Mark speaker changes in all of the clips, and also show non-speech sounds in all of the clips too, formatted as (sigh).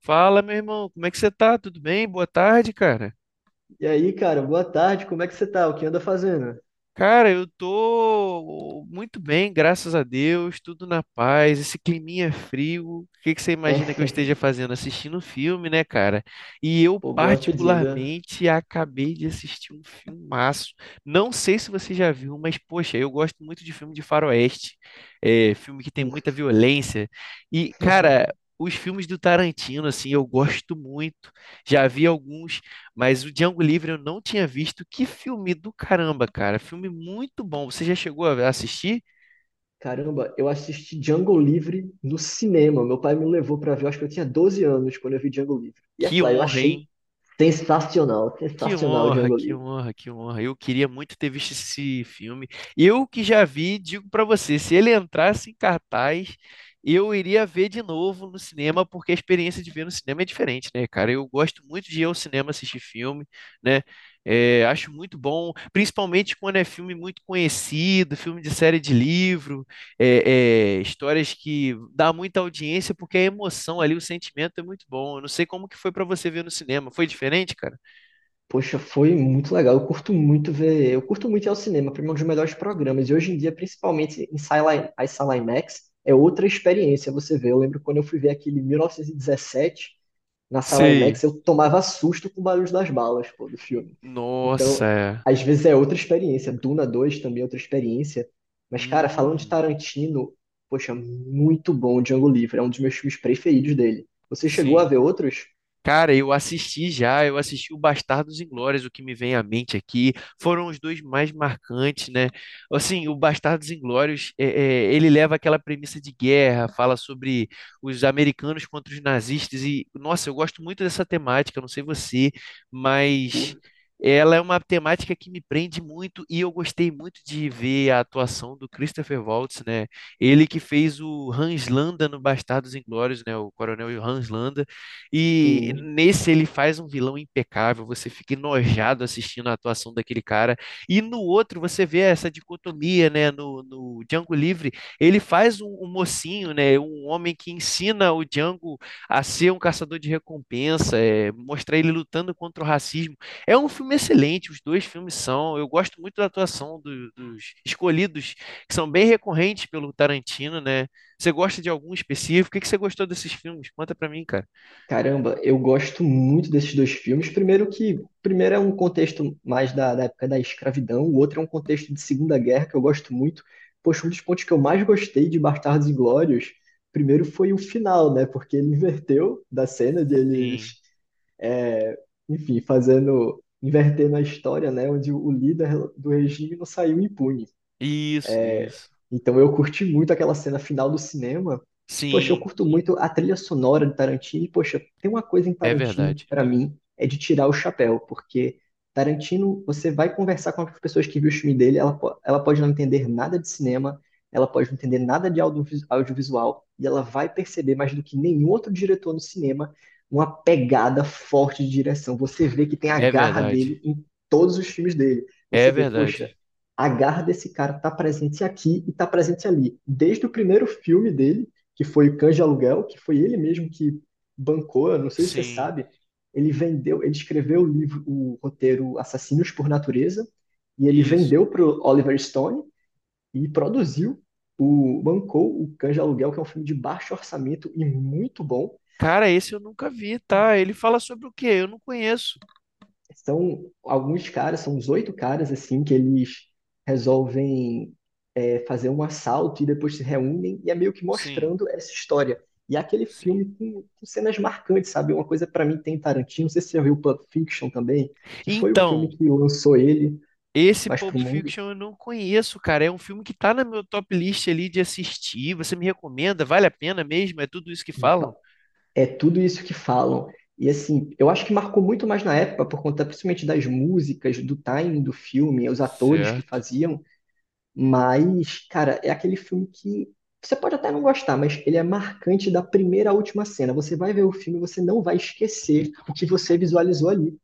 Speaker 1: Fala, meu irmão, como é que você tá? Tudo bem? Boa tarde, cara.
Speaker 2: E aí, cara, boa tarde, como é que você tá? O que anda fazendo? (laughs)
Speaker 1: Cara, eu tô muito bem, graças a Deus, tudo na paz. Esse climinha frio, o que que você imagina que eu
Speaker 2: É,
Speaker 1: esteja fazendo? Assistindo um filme, né, cara? E eu,
Speaker 2: pô, boa pedida.
Speaker 1: particularmente, acabei de assistir um filmaço. Não sei se você já viu, mas, poxa, eu gosto muito de filme de faroeste, filme que tem muita
Speaker 2: Curto.
Speaker 1: violência. E, cara, os filmes do Tarantino, assim, eu gosto muito. Já vi alguns. Mas o Django Livre eu não tinha visto. Que filme do caramba, cara. Filme muito bom. Você já chegou a assistir?
Speaker 2: Caramba, eu assisti Django Livre no cinema. Meu pai me levou pra ver, eu acho que eu tinha 12 anos quando eu vi Django Livre. E é
Speaker 1: Que
Speaker 2: claro, eu
Speaker 1: honra,
Speaker 2: achei
Speaker 1: hein?
Speaker 2: sensacional,
Speaker 1: Que
Speaker 2: sensacional
Speaker 1: honra,
Speaker 2: Django
Speaker 1: que
Speaker 2: Livre.
Speaker 1: honra, que honra. Eu queria muito ter visto esse filme. Eu que já vi, digo pra você, se ele entrasse em cartaz, eu iria ver de novo no cinema, porque a experiência de ver no cinema é diferente, né, cara? Eu gosto muito de ir ao cinema assistir filme, né? É, acho muito bom, principalmente quando é filme muito conhecido, filme de série de livro, histórias que dá muita audiência, porque a emoção ali, o sentimento é muito bom. Eu não sei como que foi pra você ver no cinema. Foi diferente, cara?
Speaker 2: Poxa, foi muito legal. Eu curto muito ir ao cinema, pra mim é um dos melhores programas. E hoje em dia, principalmente em sala, as sala IMAX, é outra experiência você vê. Eu lembro quando eu fui ver aquele 1917, na sala
Speaker 1: Sei.
Speaker 2: IMAX, eu tomava susto com o barulho das balas, pô, do filme.
Speaker 1: Nossa,
Speaker 2: Então,
Speaker 1: é.
Speaker 2: às vezes é outra experiência. Duna dois também é outra experiência. Mas, cara, falando de
Speaker 1: Hum,
Speaker 2: Tarantino, poxa, muito bom Django Livre. É um dos meus filmes preferidos dele. Você chegou a
Speaker 1: sim.
Speaker 2: ver outros?
Speaker 1: Cara, eu assisti o Bastardos Inglórios, o que me vem à mente aqui, foram os dois mais marcantes, né? Assim, o Bastardos Inglórios, ele leva aquela premissa de guerra, fala sobre os americanos contra os nazistas, e, nossa, eu gosto muito dessa temática, não sei você, mas ela é uma temática que me prende muito, e eu gostei muito de ver a atuação do Christopher Waltz, né? Ele que fez o Hans Landa no Bastardos Inglórios, né? O coronel Hans Landa, e
Speaker 2: Sim.
Speaker 1: nesse ele faz um vilão impecável, você fica enojado assistindo a atuação daquele cara. E no outro você vê essa dicotomia, né? No Django Livre, ele faz um mocinho, né? Um homem que ensina o Django a ser um caçador de recompensa, é, mostrar ele lutando contra o racismo. É um filme excelente, os dois filmes são. Eu gosto muito da atuação dos escolhidos, que são bem recorrentes pelo Tarantino, né? Você gosta de algum específico? O que que você gostou desses filmes? Conta pra mim, cara.
Speaker 2: Caramba, eu gosto muito desses dois filmes. Primeiro que, primeiro é um contexto mais da época da escravidão, o outro é um contexto de Segunda Guerra que eu gosto muito. Poxa, um dos pontos que eu mais gostei de Bastardos Inglórios, primeiro foi o final, né? Porque ele inverteu da cena
Speaker 1: Sim.
Speaker 2: deles, enfim, fazendo, invertendo a história, né? Onde o líder do regime não saiu impune.
Speaker 1: Isso, isso.
Speaker 2: Então eu curti muito aquela cena final do cinema. Poxa, eu
Speaker 1: Sim.
Speaker 2: curto muito a trilha sonora de Tarantino. E, poxa, tem uma coisa em
Speaker 1: É
Speaker 2: Tarantino que
Speaker 1: verdade.
Speaker 2: pra mim é de tirar o chapéu, porque Tarantino, você vai conversar com as pessoas que viu o filme dele, ela, ela pode não entender nada de cinema, ela pode não entender nada de audiovisual, e ela vai perceber mais do que nenhum outro diretor no cinema uma pegada forte de direção. Você vê que tem a
Speaker 1: É
Speaker 2: garra
Speaker 1: verdade.
Speaker 2: dele em todos os filmes dele.
Speaker 1: É
Speaker 2: Você vê, poxa,
Speaker 1: verdade.
Speaker 2: a garra desse cara tá presente aqui e tá presente ali. Desde o primeiro filme dele, que foi o Cães de Aluguel, que foi ele mesmo que bancou, eu não sei se você
Speaker 1: Sim.
Speaker 2: sabe, ele vendeu, ele escreveu o livro, o roteiro Assassinos por Natureza, e ele
Speaker 1: Isso.
Speaker 2: vendeu pro Oliver Stone e produziu o bancou o Cães de Aluguel, que é um filme de baixo orçamento e muito bom.
Speaker 1: Cara, esse eu nunca vi, tá? Ele fala sobre o quê? Eu não conheço.
Speaker 2: São alguns caras, são uns oito caras assim que eles resolvem fazer um assalto e depois se reúnem, e é meio que
Speaker 1: Sim,
Speaker 2: mostrando essa história. E é aquele
Speaker 1: sim.
Speaker 2: filme com cenas marcantes, sabe? Uma coisa para mim tem Tarantino, não sei se você já viu Pulp Fiction também, que foi o filme
Speaker 1: Então,
Speaker 2: que lançou ele
Speaker 1: esse
Speaker 2: mais pro
Speaker 1: Pulp
Speaker 2: mundo.
Speaker 1: Fiction eu não conheço, cara. É um filme que tá na meu top list ali de assistir. Você me recomenda? Vale a pena mesmo? É tudo isso que falam?
Speaker 2: É tudo isso que falam. E assim, eu acho que marcou muito mais na época, por conta principalmente das músicas, do timing do filme, os atores que
Speaker 1: Certo.
Speaker 2: faziam. Mas, cara, é aquele filme que você pode até não gostar, mas ele é marcante da primeira à última cena. Você vai ver o filme e você não vai esquecer o que você visualizou ali.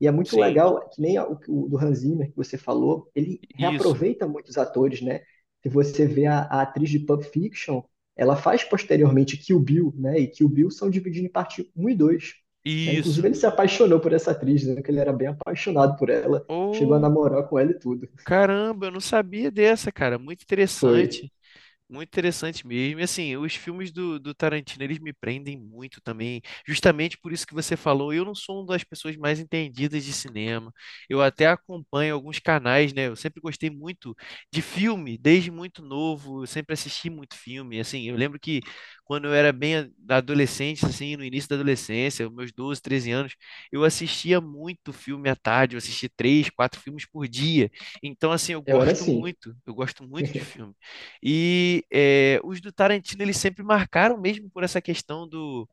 Speaker 2: E é muito
Speaker 1: Sim.
Speaker 2: legal, que nem o do Hans Zimmer que você falou, ele
Speaker 1: Isso.
Speaker 2: reaproveita muitos atores, né? Se você vê a atriz de Pulp Fiction, ela faz posteriormente Kill Bill, né? E Kill Bill são divididos em parte um e dois. Né? Inclusive,
Speaker 1: Isso.
Speaker 2: ele se apaixonou por essa atriz, né? Que ele era bem apaixonado por ela, chegou a
Speaker 1: Ô,
Speaker 2: namorar com ela e tudo.
Speaker 1: caramba, eu não sabia dessa, cara. Muito
Speaker 2: Foi.
Speaker 1: interessante. Muito interessante mesmo. E assim, os filmes do Tarantino, eles me prendem muito também, justamente por isso que você falou. Eu não sou uma das pessoas mais entendidas de cinema. Eu até acompanho alguns canais, né? Eu sempre gostei muito de filme, desde muito novo. Eu sempre assisti muito filme. Assim, eu lembro que quando eu era bem da adolescente, assim, no início da adolescência, meus 12 13 anos, eu assistia muito filme à tarde. Eu assistia três, quatro filmes por dia. Então, assim, eu
Speaker 2: Eu era
Speaker 1: gosto
Speaker 2: assim.
Speaker 1: muito. Eu gosto muito de
Speaker 2: (laughs)
Speaker 1: filme. E é, os do Tarantino eles sempre marcaram mesmo por essa questão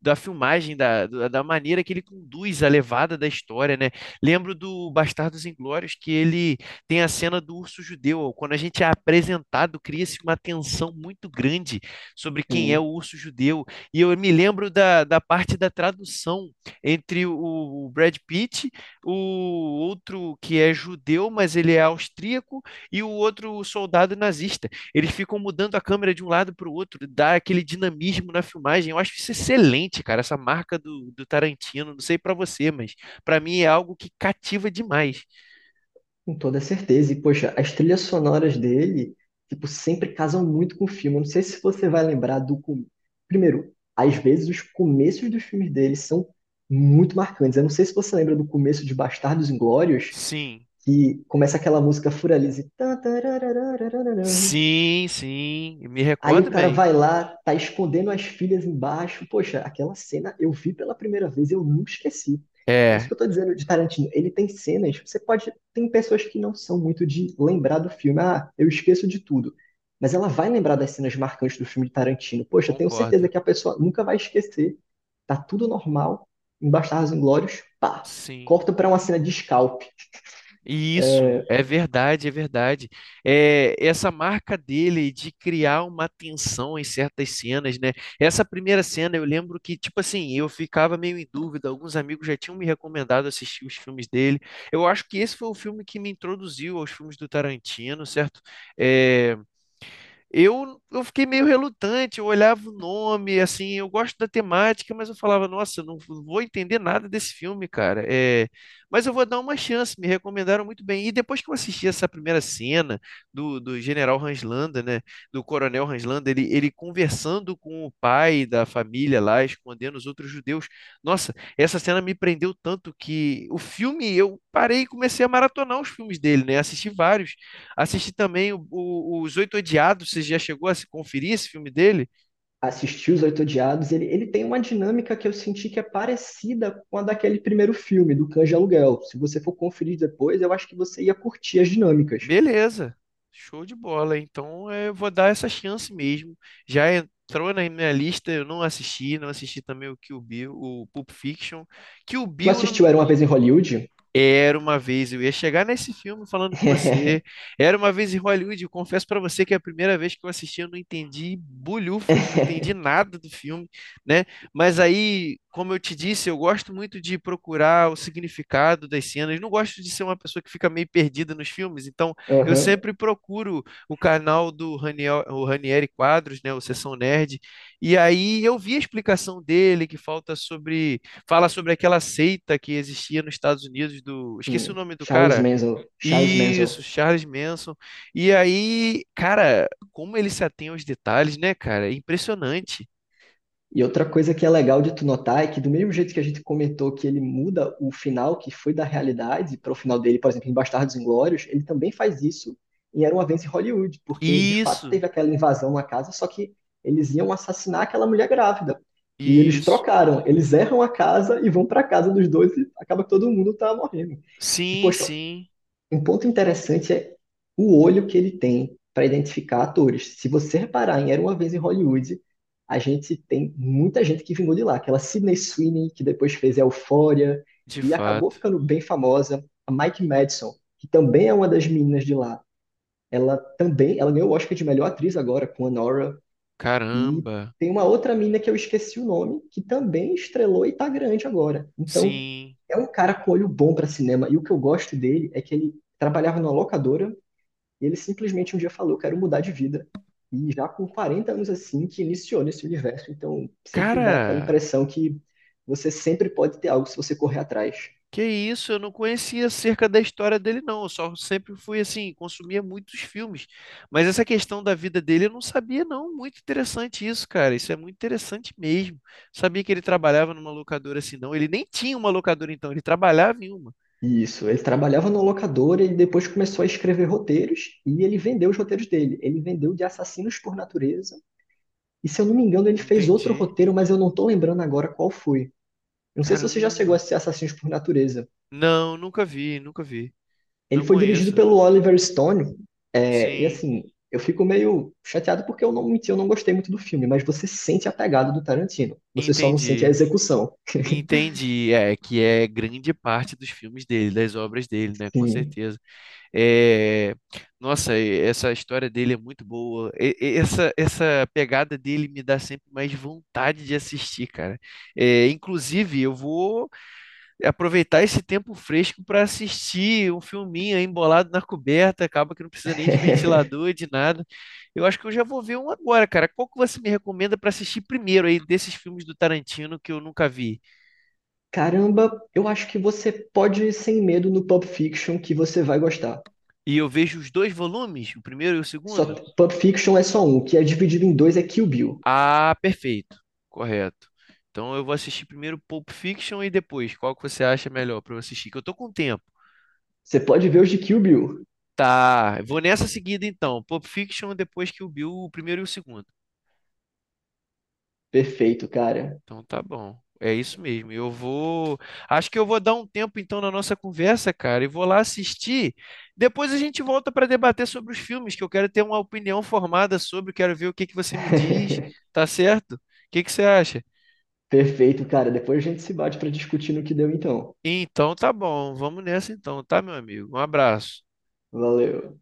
Speaker 1: da filmagem, da maneira que ele conduz a levada da história, né? Lembro do Bastardos Inglórios que ele tem a cena do urso judeu. Quando a gente é apresentado, cria-se uma tensão muito grande sobre quem é o
Speaker 2: Sim,
Speaker 1: urso judeu. E eu me lembro da parte da tradução entre o Brad Pitt, o outro que é judeu, mas ele é austríaco, e o outro soldado nazista, eles ficam mudando a câmera de um lado para o outro, dá aquele dinamismo na filmagem. Eu acho isso excelente, cara, essa marca do Tarantino. Não sei para você, mas para mim é algo que cativa demais.
Speaker 2: com toda certeza. E, poxa, as trilhas sonoras dele, tipo, sempre casam muito com o filme. Eu não sei se você vai lembrar do... com- Primeiro, às vezes os começos dos filmes dele são muito marcantes. Eu não sei se você lembra do começo de Bastardos Inglórios,
Speaker 1: Sim,
Speaker 2: que começa aquela música Furalize.
Speaker 1: sim, sim, me
Speaker 2: Aí o
Speaker 1: recordo
Speaker 2: cara
Speaker 1: bem.
Speaker 2: vai lá, tá escondendo as filhas embaixo. Poxa, aquela cena eu vi pela primeira vez, eu nunca esqueci. É isso
Speaker 1: É,
Speaker 2: que eu tô dizendo de Tarantino. Ele tem cenas, você pode. Tem pessoas que não são muito de lembrar do filme. Ah, eu esqueço de tudo. Mas ela vai lembrar das cenas marcantes do filme de Tarantino. Poxa, eu tenho certeza
Speaker 1: concordo.
Speaker 2: que a pessoa nunca vai esquecer. Tá tudo normal. Em Bastardos Inglórios, pá.
Speaker 1: Sim.
Speaker 2: Corta pra uma cena de scalp.
Speaker 1: E isso, é verdade, é verdade. É, essa marca dele de criar uma tensão em certas cenas, né? Essa primeira cena eu lembro que, tipo assim, eu ficava meio em dúvida, alguns amigos já tinham me recomendado assistir os filmes dele. Eu acho que esse foi o filme que me introduziu aos filmes do Tarantino, certo? É, eu fiquei meio relutante, eu olhava o nome, assim, eu gosto da temática, mas eu falava, nossa, eu não vou entender nada desse filme, cara. É, mas eu vou dar uma chance, me recomendaram muito bem. E depois que eu assisti essa primeira cena do General Hans, né, do Coronel Hans, ele conversando com o pai da família lá, escondendo os outros judeus. Nossa, essa cena me prendeu tanto que o filme, eu parei e comecei a maratonar os filmes dele, né, assisti vários. Assisti também Os Oito Odiados. Você já chegou a se conferir esse filme dele?
Speaker 2: Assistir Os Oito Odiados, ele tem uma dinâmica que eu senti que é parecida com a daquele primeiro filme, do Cães de Aluguel. Se você for conferir depois, eu acho que você ia curtir as dinâmicas.
Speaker 1: Beleza, show de bola. Então eu vou dar essa chance mesmo. Já entrou na minha lista, eu não assisti. Não assisti também o Kill Bill, o Pulp Fiction. Kill
Speaker 2: Tu
Speaker 1: Bill,
Speaker 2: assistiu Era Uma Vez em Hollywood?
Speaker 1: Era uma vez, eu ia chegar nesse filme falando com você. Era uma vez em Hollywood, eu confesso pra você que é a primeira vez que eu assisti, eu não entendi bulhufas, não entendi
Speaker 2: (laughs)
Speaker 1: nada do filme, né? Mas aí, como eu te disse, eu gosto muito de procurar o significado das cenas. Não gosto de ser uma pessoa que fica meio perdida nos filmes, então eu
Speaker 2: Aham.
Speaker 1: sempre procuro o canal do Raniel, o Ranieri Quadros, né, o Sessão Nerd, e aí eu vi a explicação dele que falta sobre. Fala sobre aquela seita que existia nos Estados Unidos do. Esqueci o
Speaker 2: Hum.
Speaker 1: nome do
Speaker 2: Charles
Speaker 1: cara.
Speaker 2: Manson. Charles Manson.
Speaker 1: Isso, Charles Manson. E aí, cara, como ele se atém aos detalhes, né, cara? É impressionante.
Speaker 2: E outra coisa que é legal de tu notar é que do mesmo jeito que a gente comentou que ele muda o final que foi da realidade para o final dele, por exemplo, em Bastardos Inglórios, ele também faz isso em Era Uma Vez em Hollywood, porque de fato
Speaker 1: Isso,
Speaker 2: teve aquela invasão na casa, só que eles iam assassinar aquela mulher grávida. E eles
Speaker 1: isso.
Speaker 2: trocaram, eles erram a casa e vão para a casa dos dois e acaba que todo mundo tá morrendo. E
Speaker 1: Sim,
Speaker 2: poxa,
Speaker 1: sim,
Speaker 2: um ponto interessante é o olho que ele tem para identificar atores. Se você reparar em Era Uma Vez em Hollywood, a gente tem muita gente que vingou de lá. Aquela Sydney Sweeney, que depois fez Euphoria
Speaker 1: de
Speaker 2: e acabou
Speaker 1: fato.
Speaker 2: ficando bem famosa. A Mike Madison, que também é uma das meninas de lá. Ela também, ela ganhou o Oscar de melhor atriz agora com a Nora. E
Speaker 1: Caramba,
Speaker 2: tem uma outra mina que eu esqueci o nome, que também estrelou e tá grande agora. Então,
Speaker 1: sim.
Speaker 2: é um cara com olho bom pra cinema. E o que eu gosto dele é que ele trabalhava numa locadora e ele simplesmente um dia falou: quero mudar de vida. E já com 40 anos assim, que iniciou nesse universo. Então, sempre dá aquela
Speaker 1: Cara,
Speaker 2: impressão que você sempre pode ter algo se você correr atrás.
Speaker 1: que isso, eu não conhecia acerca da história dele, não. Eu só sempre fui assim, consumia muitos filmes. Mas essa questão da vida dele eu não sabia, não. Muito interessante isso, cara. Isso é muito interessante mesmo. Sabia que ele trabalhava numa locadora assim, não. Ele nem tinha uma locadora, então, ele trabalhava em uma.
Speaker 2: Isso, ele trabalhava numa locadora e depois começou a escrever roteiros e ele vendeu os roteiros dele. Ele vendeu de Assassinos por Natureza. E se eu não me engano, ele fez outro
Speaker 1: Entendi.
Speaker 2: roteiro, mas eu não tô lembrando agora qual foi. Eu não sei se você já chegou
Speaker 1: Caramba.
Speaker 2: a assistir Assassinos por Natureza.
Speaker 1: Não, nunca vi, nunca vi.
Speaker 2: Ele
Speaker 1: Não
Speaker 2: foi dirigido
Speaker 1: conheço.
Speaker 2: pelo Oliver Stone, é, e
Speaker 1: Sim,
Speaker 2: assim, eu fico meio chateado porque eu não menti, eu não gostei muito do filme, mas você sente a pegada do Tarantino. Você só não sente a
Speaker 1: entendi.
Speaker 2: execução. (laughs)
Speaker 1: Entendi. É, que é grande parte dos filmes dele, das obras dele, né? Com
Speaker 2: Sim.
Speaker 1: certeza. É, nossa, essa história dele é muito boa. Essa pegada dele me dá sempre mais vontade de assistir, cara. É, inclusive, eu vou aproveitar esse tempo fresco para assistir um filminho aí embolado na coberta. Acaba que não precisa nem de
Speaker 2: (laughs)
Speaker 1: ventilador, de nada. Eu acho que eu já vou ver um agora, cara. Qual que você me recomenda para assistir primeiro aí desses filmes do Tarantino que eu nunca vi?
Speaker 2: Caramba, eu acho que você pode ir sem medo no Pulp Fiction que você vai gostar.
Speaker 1: E eu vejo os dois volumes, o primeiro e o
Speaker 2: Só
Speaker 1: segundo?
Speaker 2: Pulp Fiction é só um, o que é dividido em dois é Kill Bill.
Speaker 1: Ah, perfeito. Correto. Então eu vou assistir primeiro Pulp Fiction e depois. Qual que você acha melhor pra eu assistir? Que eu tô com tempo.
Speaker 2: Você pode ver os de Kill Bill.
Speaker 1: Tá, eu vou nessa seguida então. Pulp Fiction, depois que o Bill, o primeiro e o segundo.
Speaker 2: Perfeito, cara.
Speaker 1: Então tá bom. É isso mesmo. Eu vou. Acho que eu vou dar um tempo então na nossa conversa, cara, e vou lá assistir. Depois a gente volta para debater sobre os filmes, que eu quero ter uma opinião formada sobre, quero ver o que que você me diz,
Speaker 2: (laughs)
Speaker 1: tá certo? O que que você acha?
Speaker 2: Perfeito, cara. Depois a gente se bate para discutir no que deu então.
Speaker 1: Então tá bom, vamos nessa então, tá, meu amigo? Um abraço.
Speaker 2: Valeu.